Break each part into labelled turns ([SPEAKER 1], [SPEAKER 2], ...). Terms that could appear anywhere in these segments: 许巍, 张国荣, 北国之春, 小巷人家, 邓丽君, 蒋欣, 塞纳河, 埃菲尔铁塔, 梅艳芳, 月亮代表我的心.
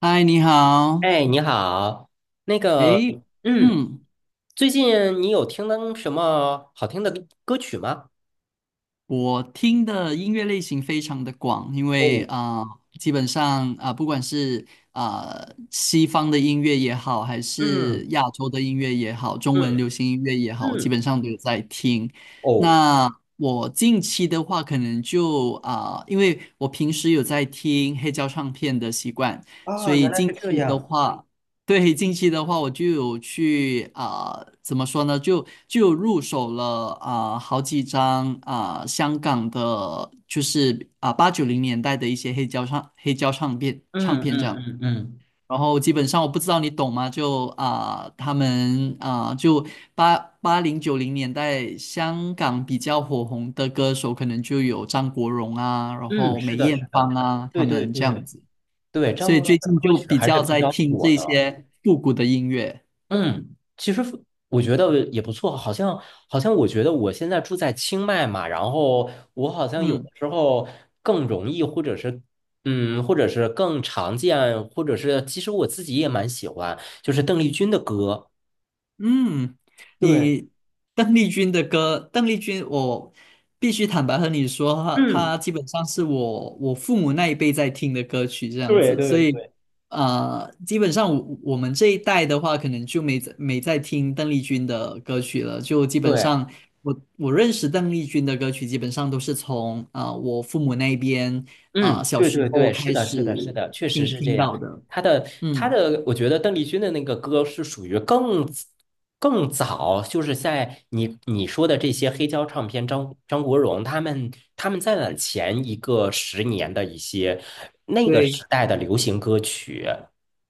[SPEAKER 1] 嗨，你好。
[SPEAKER 2] 哎，你好，那个，
[SPEAKER 1] 诶，
[SPEAKER 2] 嗯，
[SPEAKER 1] 嗯，
[SPEAKER 2] 最近你有听到什么好听的歌曲吗？
[SPEAKER 1] 我听的音乐类型非常的广，因为
[SPEAKER 2] 哦，
[SPEAKER 1] 基本上不管是西方的音乐也好，还是
[SPEAKER 2] 嗯
[SPEAKER 1] 亚洲的音乐也好，中文
[SPEAKER 2] 嗯
[SPEAKER 1] 流行音乐也好，我基
[SPEAKER 2] 嗯，
[SPEAKER 1] 本上都有在听。
[SPEAKER 2] 哦，
[SPEAKER 1] 那我近期的话，可能就因为我平时有在听黑胶唱片的习惯，所
[SPEAKER 2] 啊，
[SPEAKER 1] 以
[SPEAKER 2] 原来是
[SPEAKER 1] 近
[SPEAKER 2] 这
[SPEAKER 1] 期的
[SPEAKER 2] 样。
[SPEAKER 1] 话。对，近期的话，我就有去怎么说呢？就有入手了好几张香港的，就是啊80、90年代的一些黑胶唱黑胶唱片唱
[SPEAKER 2] 嗯
[SPEAKER 1] 片这样。
[SPEAKER 2] 嗯嗯嗯
[SPEAKER 1] 然后基本上我不知道你懂吗？就他们就八零九零年代香港比较火红的歌手，可能就有张国荣啊，然
[SPEAKER 2] 嗯，
[SPEAKER 1] 后
[SPEAKER 2] 是
[SPEAKER 1] 梅
[SPEAKER 2] 的，
[SPEAKER 1] 艳
[SPEAKER 2] 是
[SPEAKER 1] 芳
[SPEAKER 2] 的，
[SPEAKER 1] 啊，他
[SPEAKER 2] 对对
[SPEAKER 1] 们这
[SPEAKER 2] 对
[SPEAKER 1] 样子。
[SPEAKER 2] 对，张
[SPEAKER 1] 所以
[SPEAKER 2] 国荣
[SPEAKER 1] 最
[SPEAKER 2] 的
[SPEAKER 1] 近
[SPEAKER 2] 歌
[SPEAKER 1] 就
[SPEAKER 2] 曲
[SPEAKER 1] 比
[SPEAKER 2] 还是
[SPEAKER 1] 较
[SPEAKER 2] 比
[SPEAKER 1] 在
[SPEAKER 2] 较
[SPEAKER 1] 听
[SPEAKER 2] 火
[SPEAKER 1] 这
[SPEAKER 2] 的。
[SPEAKER 1] 些复古的音乐。
[SPEAKER 2] 嗯，其实我觉得也不错，好像我觉得我现在住在清迈嘛，然后我好像有
[SPEAKER 1] 嗯。
[SPEAKER 2] 的时候更容易，或者是或者是更常见，或者是其实我自己也蛮喜欢，就是邓丽君的歌。
[SPEAKER 1] 嗯，
[SPEAKER 2] 对，
[SPEAKER 1] 你邓丽君的歌，邓丽君，我必须坦白和你说，她
[SPEAKER 2] 嗯，
[SPEAKER 1] 她基本上是我父母那一辈在听的歌曲这样
[SPEAKER 2] 对
[SPEAKER 1] 子，
[SPEAKER 2] 对
[SPEAKER 1] 所以
[SPEAKER 2] 对，
[SPEAKER 1] 基本上我们这一代的话，可能就没在听邓丽君的歌曲了，就基本
[SPEAKER 2] 对。
[SPEAKER 1] 上我认识邓丽君的歌曲，基本上都是从我父母那边
[SPEAKER 2] 嗯，
[SPEAKER 1] 小
[SPEAKER 2] 对
[SPEAKER 1] 时
[SPEAKER 2] 对
[SPEAKER 1] 候
[SPEAKER 2] 对，是
[SPEAKER 1] 开
[SPEAKER 2] 的，
[SPEAKER 1] 始
[SPEAKER 2] 是的，是的，确实
[SPEAKER 1] 听
[SPEAKER 2] 是这
[SPEAKER 1] 听
[SPEAKER 2] 样。
[SPEAKER 1] 到的，
[SPEAKER 2] 他的他
[SPEAKER 1] 嗯，
[SPEAKER 2] 的，我觉得邓丽君的那个歌是属于更早，就是在你说的这些黑胶唱片，张国荣他们在往前一个十年的一些那个
[SPEAKER 1] 对。
[SPEAKER 2] 时代的流行歌曲。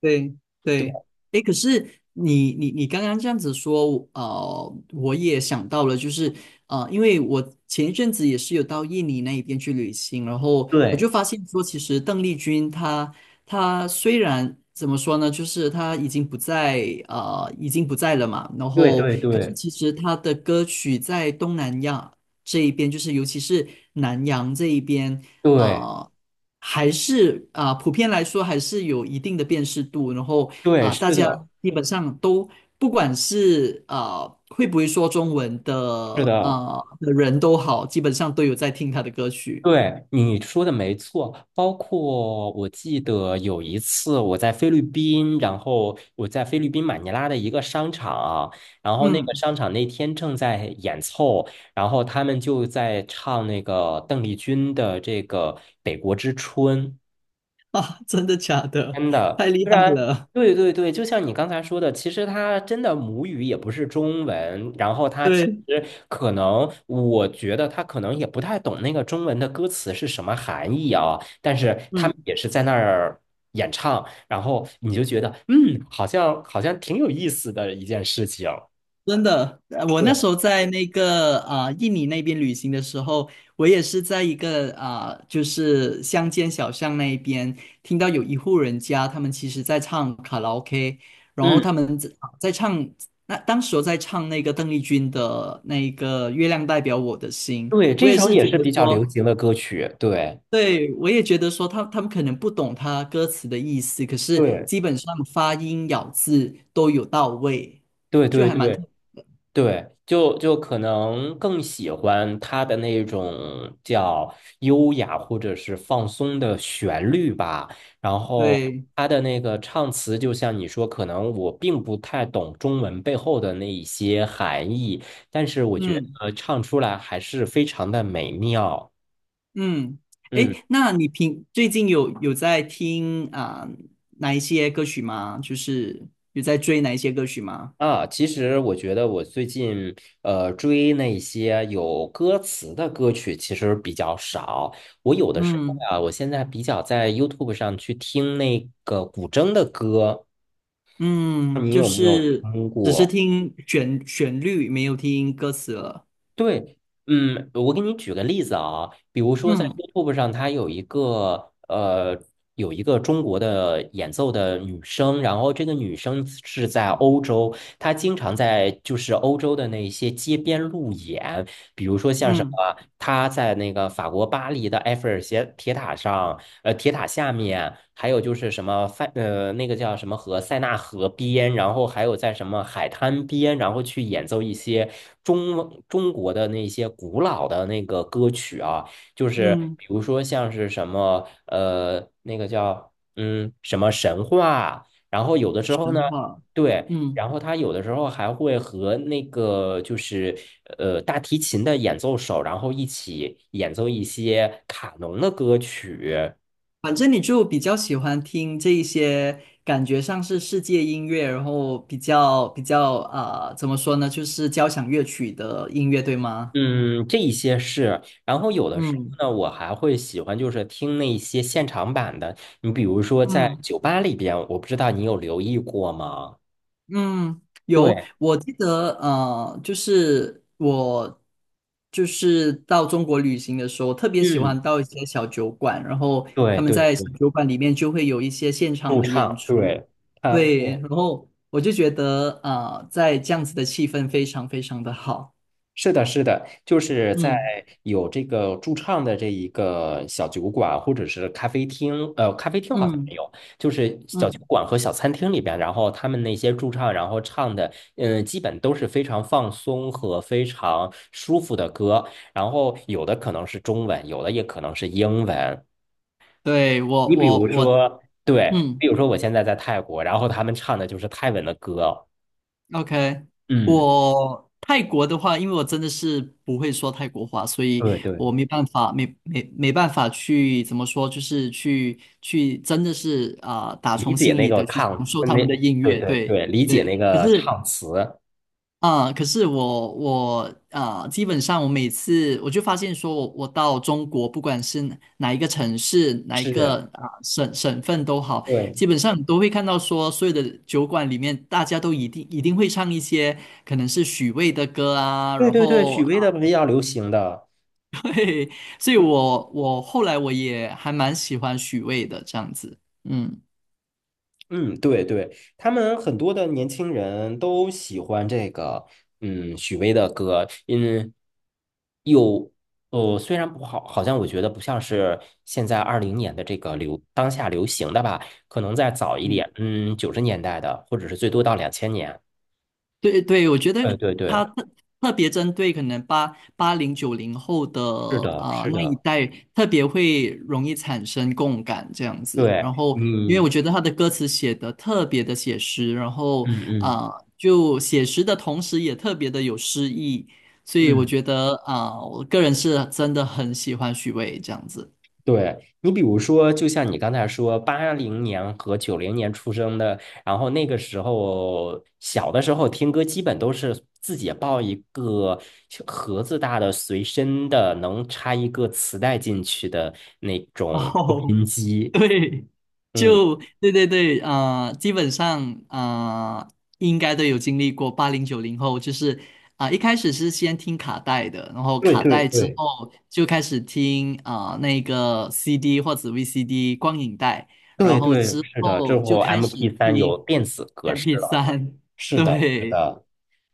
[SPEAKER 1] 对对，
[SPEAKER 2] 对
[SPEAKER 1] 哎，可是你刚刚这样子说，我也想到了，就是因为我前一阵子也是有到印尼那一边去旅行，然后我
[SPEAKER 2] 对
[SPEAKER 1] 就发现说，其实邓丽君她虽然怎么说呢，就是她已经不在已经不在了嘛，然
[SPEAKER 2] 对
[SPEAKER 1] 后
[SPEAKER 2] 对
[SPEAKER 1] 可是
[SPEAKER 2] 对
[SPEAKER 1] 其实她的歌曲在东南亚这一边，就是尤其是南洋这一边。啊、
[SPEAKER 2] 对
[SPEAKER 1] 呃还是普遍来说还是有一定的辨识度，然后
[SPEAKER 2] 对，
[SPEAKER 1] 大
[SPEAKER 2] 是
[SPEAKER 1] 家
[SPEAKER 2] 的，
[SPEAKER 1] 基本上都不管是会不会说中文
[SPEAKER 2] 是
[SPEAKER 1] 的
[SPEAKER 2] 的。
[SPEAKER 1] 人都好，基本上都有在听他的歌曲。
[SPEAKER 2] 对，你说的没错，包括我记得有一次我在菲律宾，然后我在菲律宾马尼拉的一个商场，然后那个
[SPEAKER 1] 嗯，
[SPEAKER 2] 商场那天正在演奏，然后他们就在唱那个邓丽君的这个《北国之春》。
[SPEAKER 1] 啊，真的假的？
[SPEAKER 2] 真的，
[SPEAKER 1] 太厉
[SPEAKER 2] 虽
[SPEAKER 1] 害
[SPEAKER 2] 然。
[SPEAKER 1] 了，
[SPEAKER 2] 对对对，就像你刚才说的，其实他真的母语也不是中文，然后他其
[SPEAKER 1] 对，
[SPEAKER 2] 实可能，我觉得他可能也不太懂那个中文的歌词是什么含义啊，但是他们
[SPEAKER 1] 嗯。
[SPEAKER 2] 也是在那儿演唱，然后你就觉得，好像挺有意思的一件事情。
[SPEAKER 1] 真的，我那
[SPEAKER 2] 对，
[SPEAKER 1] 时候在那个印尼那边旅行的时候，我也是在一个就是乡间小巷那一边，听到有一户人家，他们其实在唱卡拉 OK，然后他
[SPEAKER 2] 嗯，
[SPEAKER 1] 们在唱，那当时我在唱那个邓丽君的那个《月亮代表我的心》，
[SPEAKER 2] 对，
[SPEAKER 1] 我
[SPEAKER 2] 这
[SPEAKER 1] 也
[SPEAKER 2] 首
[SPEAKER 1] 是
[SPEAKER 2] 也
[SPEAKER 1] 觉
[SPEAKER 2] 是
[SPEAKER 1] 得
[SPEAKER 2] 比较流
[SPEAKER 1] 说，
[SPEAKER 2] 行的歌曲，对，
[SPEAKER 1] 对，我也觉得说他们可能不懂他歌词的意思，可是
[SPEAKER 2] 对，
[SPEAKER 1] 基本上发音咬字都有到位，
[SPEAKER 2] 对
[SPEAKER 1] 就
[SPEAKER 2] 对
[SPEAKER 1] 还蛮特
[SPEAKER 2] 对，对，就可能更喜欢他的那种叫优雅或者是放松的旋律吧。然后
[SPEAKER 1] 对。
[SPEAKER 2] 他的那个唱词，就像你说，可能我并不太懂中文背后的那一些含义，但是我觉
[SPEAKER 1] 嗯
[SPEAKER 2] 得唱出来还是非常的美妙。
[SPEAKER 1] 嗯，
[SPEAKER 2] 嗯。
[SPEAKER 1] 诶，那你平最近有在听哪一些歌曲吗？就是有在追哪一些歌曲吗？
[SPEAKER 2] 啊，其实我觉得我最近追那些有歌词的歌曲其实比较少。我有的时候
[SPEAKER 1] 嗯
[SPEAKER 2] 啊，我现在比较在 YouTube 上去听那个古筝的歌，
[SPEAKER 1] 嗯，
[SPEAKER 2] 你
[SPEAKER 1] 就
[SPEAKER 2] 有没有
[SPEAKER 1] 是
[SPEAKER 2] 听
[SPEAKER 1] 只是
[SPEAKER 2] 过？
[SPEAKER 1] 听旋律，没有听歌词了。
[SPEAKER 2] 对，嗯，我给你举个例子啊，比如说在
[SPEAKER 1] 嗯
[SPEAKER 2] YouTube 上，它有一个有一个中国的演奏的女生，然后这个女生是在欧洲，她经常在就是欧洲的那些街边路演。比如说像什
[SPEAKER 1] 嗯
[SPEAKER 2] 么，他在那个法国巴黎的埃菲尔斜铁塔上，铁塔下面，还有就是什么塞，那个叫什么河，塞纳河边，然后还有在什么海滩边，然后去演奏一些中国的那些古老的那个歌曲啊，就是
[SPEAKER 1] 嗯，
[SPEAKER 2] 比如说像是什么，那个叫什么神话啊，然后有的时候呢。
[SPEAKER 1] 神话。
[SPEAKER 2] 对，
[SPEAKER 1] 嗯，
[SPEAKER 2] 然后他有的时候还会和那个就是大提琴的演奏手，然后一起演奏一些卡农的歌曲，
[SPEAKER 1] 反正你就比较喜欢听这一些感觉上是世界音乐，然后比较怎么说呢，就是交响乐曲的音乐，对吗？
[SPEAKER 2] 嗯，这一些是。然后有的时
[SPEAKER 1] 嗯
[SPEAKER 2] 候呢，我还会喜欢就是听那些现场版的，你比如说在
[SPEAKER 1] 嗯。
[SPEAKER 2] 酒吧里边，我不知道你有留意过吗？
[SPEAKER 1] 嗯，有，
[SPEAKER 2] 对，
[SPEAKER 1] 我记得，就是我就是到中国旅行的时候，特别喜
[SPEAKER 2] 嗯，
[SPEAKER 1] 欢到一些小酒馆，然后
[SPEAKER 2] 对
[SPEAKER 1] 他们
[SPEAKER 2] 对
[SPEAKER 1] 在
[SPEAKER 2] 对，
[SPEAKER 1] 小酒馆里面就会有一些现场
[SPEAKER 2] 驻
[SPEAKER 1] 的演
[SPEAKER 2] 唱，
[SPEAKER 1] 出，
[SPEAKER 2] 对，他
[SPEAKER 1] 对，
[SPEAKER 2] 对。
[SPEAKER 1] 然后我就觉得，在这样子的气氛非常非常的好，
[SPEAKER 2] 是的，是的，就是在
[SPEAKER 1] 嗯
[SPEAKER 2] 有这个驻唱的这一个小酒馆或者是咖啡厅，咖啡厅好像没
[SPEAKER 1] 嗯
[SPEAKER 2] 有，就是小酒
[SPEAKER 1] 嗯，
[SPEAKER 2] 馆和小餐厅里边，然后他们那些驻唱，然后唱的，基本都是非常放松和非常舒服的歌，然后有的可能是中文，有的也可能是英文。
[SPEAKER 1] 对，我
[SPEAKER 2] 你比
[SPEAKER 1] 我
[SPEAKER 2] 如
[SPEAKER 1] 我，
[SPEAKER 2] 说，对，
[SPEAKER 1] 嗯。
[SPEAKER 2] 比如说我现在在泰国，然后他们唱的就是泰文的歌，
[SPEAKER 1] OK，
[SPEAKER 2] 嗯，
[SPEAKER 1] 我泰国的话，因为我真的是不会说泰国话，所以
[SPEAKER 2] 对对。
[SPEAKER 1] 我没办法，没办法去怎么说，就是去真的是打
[SPEAKER 2] 理
[SPEAKER 1] 从
[SPEAKER 2] 解
[SPEAKER 1] 心
[SPEAKER 2] 那
[SPEAKER 1] 里
[SPEAKER 2] 个
[SPEAKER 1] 的去享
[SPEAKER 2] 抗，
[SPEAKER 1] 受
[SPEAKER 2] 那，
[SPEAKER 1] 他们的音
[SPEAKER 2] 对
[SPEAKER 1] 乐，
[SPEAKER 2] 对
[SPEAKER 1] 对
[SPEAKER 2] 对，理解
[SPEAKER 1] 对。
[SPEAKER 2] 那
[SPEAKER 1] 可
[SPEAKER 2] 个
[SPEAKER 1] 是
[SPEAKER 2] 唱词
[SPEAKER 1] 可是我基本上我每次我就发现说我，我到中国，不管是哪一个城市、哪一
[SPEAKER 2] 是。
[SPEAKER 1] 个省份都好，
[SPEAKER 2] 对
[SPEAKER 1] 基本上你都会看到说，所有的酒馆里面，大家都一定会唱一些可能是许巍的歌啊，
[SPEAKER 2] 对
[SPEAKER 1] 然
[SPEAKER 2] 对对，
[SPEAKER 1] 后
[SPEAKER 2] 许
[SPEAKER 1] 啊，
[SPEAKER 2] 巍的比较流行的，
[SPEAKER 1] 嘿，所以
[SPEAKER 2] 嗯
[SPEAKER 1] 我后来我也还蛮喜欢许巍的这样子，嗯
[SPEAKER 2] 嗯，对对，他们很多的年轻人都喜欢这个，嗯，许巍的歌，嗯，有，虽然不好，好像我觉得不像是现在二零年的这个当下流行的吧，可能再早一
[SPEAKER 1] 嗯。
[SPEAKER 2] 点，嗯，90年代的，或者是最多到2000年，
[SPEAKER 1] 对对，我觉得
[SPEAKER 2] 对对
[SPEAKER 1] 他
[SPEAKER 2] 对，
[SPEAKER 1] 特特别针对可能八零九零后的
[SPEAKER 2] 是的，是
[SPEAKER 1] 那一
[SPEAKER 2] 的。
[SPEAKER 1] 代，特别会容易产生共感这样子。
[SPEAKER 2] 对，
[SPEAKER 1] 然后，因为
[SPEAKER 2] 嗯，
[SPEAKER 1] 我觉得他的歌词写的特别的写实，然后
[SPEAKER 2] 嗯嗯
[SPEAKER 1] 啊，就写实的同时也特别的有诗意，所以我
[SPEAKER 2] 嗯，
[SPEAKER 1] 觉得我个人是真的很喜欢许巍这样子。
[SPEAKER 2] 对，你比如说，就像你刚才说，80年和90年出生的，然后那个时候小的时候听歌，基本都是自己抱一个小盒子大的随身的，能插一个磁带进去的那 种收
[SPEAKER 1] 哦，
[SPEAKER 2] 音 机。
[SPEAKER 1] 对，
[SPEAKER 2] 嗯，
[SPEAKER 1] 就对对对，啊，基本上啊，应该都有经历过八零九零后，就是一开始是先听卡带的，然后
[SPEAKER 2] 对
[SPEAKER 1] 卡
[SPEAKER 2] 对
[SPEAKER 1] 带之
[SPEAKER 2] 对
[SPEAKER 1] 后就开始听那个 CD 或者 VCD 光影带，然
[SPEAKER 2] 对
[SPEAKER 1] 后
[SPEAKER 2] 对，
[SPEAKER 1] 之
[SPEAKER 2] 是的，之
[SPEAKER 1] 后就
[SPEAKER 2] 后
[SPEAKER 1] 开
[SPEAKER 2] m
[SPEAKER 1] 始
[SPEAKER 2] p 三有
[SPEAKER 1] 听
[SPEAKER 2] 电子格
[SPEAKER 1] m
[SPEAKER 2] 式
[SPEAKER 1] p
[SPEAKER 2] 了。
[SPEAKER 1] 三，
[SPEAKER 2] 是的，是
[SPEAKER 1] 对，
[SPEAKER 2] 的。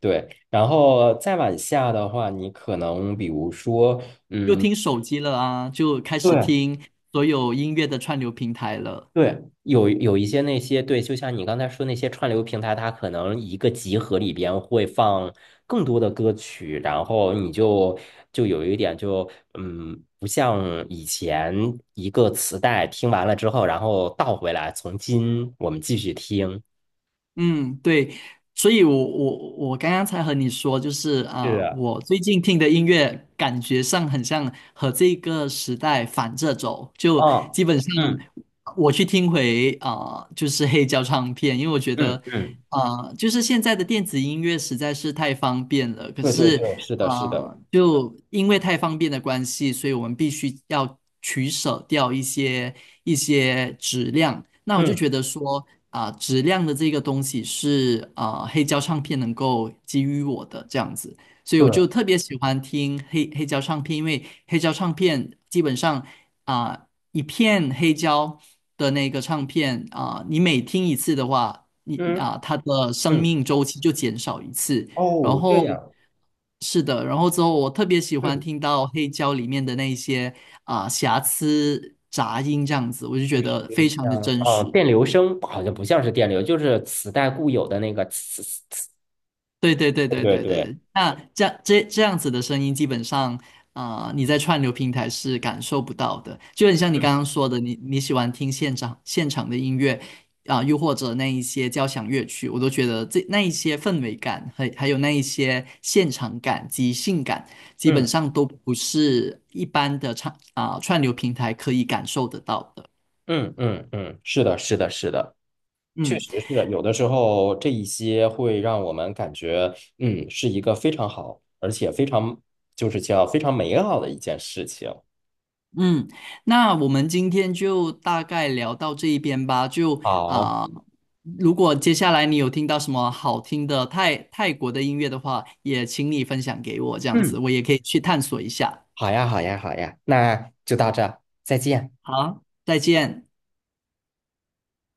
[SPEAKER 2] 对，然后再往下的话，你可能比如说，
[SPEAKER 1] 就
[SPEAKER 2] 嗯，
[SPEAKER 1] 听手机了啊，就开始
[SPEAKER 2] 对
[SPEAKER 1] 听所有音乐的串流平台了。
[SPEAKER 2] 对，有一些那些对，就像你刚才说那些串流平台，它可能一个集合里边会放更多的歌曲，然后你就有一点不像以前一个磁带听完了之后，然后倒回来，从新我们继续听。
[SPEAKER 1] 嗯，对，所以我刚刚才和你说，就是
[SPEAKER 2] 是啊，
[SPEAKER 1] 我最近听的音乐感觉上很像和这个时代反着走，就
[SPEAKER 2] 嗯
[SPEAKER 1] 基本上
[SPEAKER 2] 嗯
[SPEAKER 1] 我去听回就是黑胶唱片，因为我觉
[SPEAKER 2] 嗯
[SPEAKER 1] 得
[SPEAKER 2] 嗯，
[SPEAKER 1] 就是现在的电子音乐实在是太方便了，可
[SPEAKER 2] 对对
[SPEAKER 1] 是
[SPEAKER 2] 对，是的，是的，
[SPEAKER 1] 就因为太方便的关系，所以我们必须要取舍掉一些质量。那我就
[SPEAKER 2] 嗯，
[SPEAKER 1] 觉得说，质量的这个东西是黑胶唱片能够给予我的这样子，所以
[SPEAKER 2] 对，
[SPEAKER 1] 我就特别喜欢听黑胶唱片，因为黑胶唱片基本上一片黑胶的那个唱片你每听一次的话，你
[SPEAKER 2] 嗯
[SPEAKER 1] 它的生
[SPEAKER 2] 嗯，
[SPEAKER 1] 命周期就减少一次。然
[SPEAKER 2] 哦，这
[SPEAKER 1] 后
[SPEAKER 2] 样。
[SPEAKER 1] 是的，然后之后我特别喜欢
[SPEAKER 2] 嗯。
[SPEAKER 1] 听到黑胶里面的那一些瑕疵杂音这样子，我就觉得
[SPEAKER 2] 就是
[SPEAKER 1] 非常的
[SPEAKER 2] 像
[SPEAKER 1] 真
[SPEAKER 2] 啊，
[SPEAKER 1] 实。
[SPEAKER 2] 电流声好像不像是电流，就是磁带固有的那个磁磁磁。
[SPEAKER 1] 对对对对
[SPEAKER 2] 对对
[SPEAKER 1] 对对
[SPEAKER 2] 对，
[SPEAKER 1] 对，那这样这样子的声音，基本上，啊，你在串流平台是感受不到的。就很像你
[SPEAKER 2] 嗯
[SPEAKER 1] 刚刚说的，你喜欢听现场的音乐又或者那一些交响乐曲，我都觉得这那一些氛围感，还有那一些现场感、及性感，基本
[SPEAKER 2] 嗯
[SPEAKER 1] 上都不是一般的唱串流平台可以感受得到的。
[SPEAKER 2] 嗯嗯嗯，是的，是的，是的，确
[SPEAKER 1] 嗯。
[SPEAKER 2] 实是的。有的时候这一些会让我们感觉，嗯，是一个非常好，而且非常就是叫非常美好的一件事情。
[SPEAKER 1] 嗯，那我们今天就大概聊到这一边吧。就
[SPEAKER 2] 好，
[SPEAKER 1] 如果接下来你有听到什么好听的泰国的音乐的话，也请你分享给我，这样子
[SPEAKER 2] 嗯，
[SPEAKER 1] 我也可以去探索一下。
[SPEAKER 2] 好呀，好呀，好呀，那就到这儿，再见。
[SPEAKER 1] 好，再见。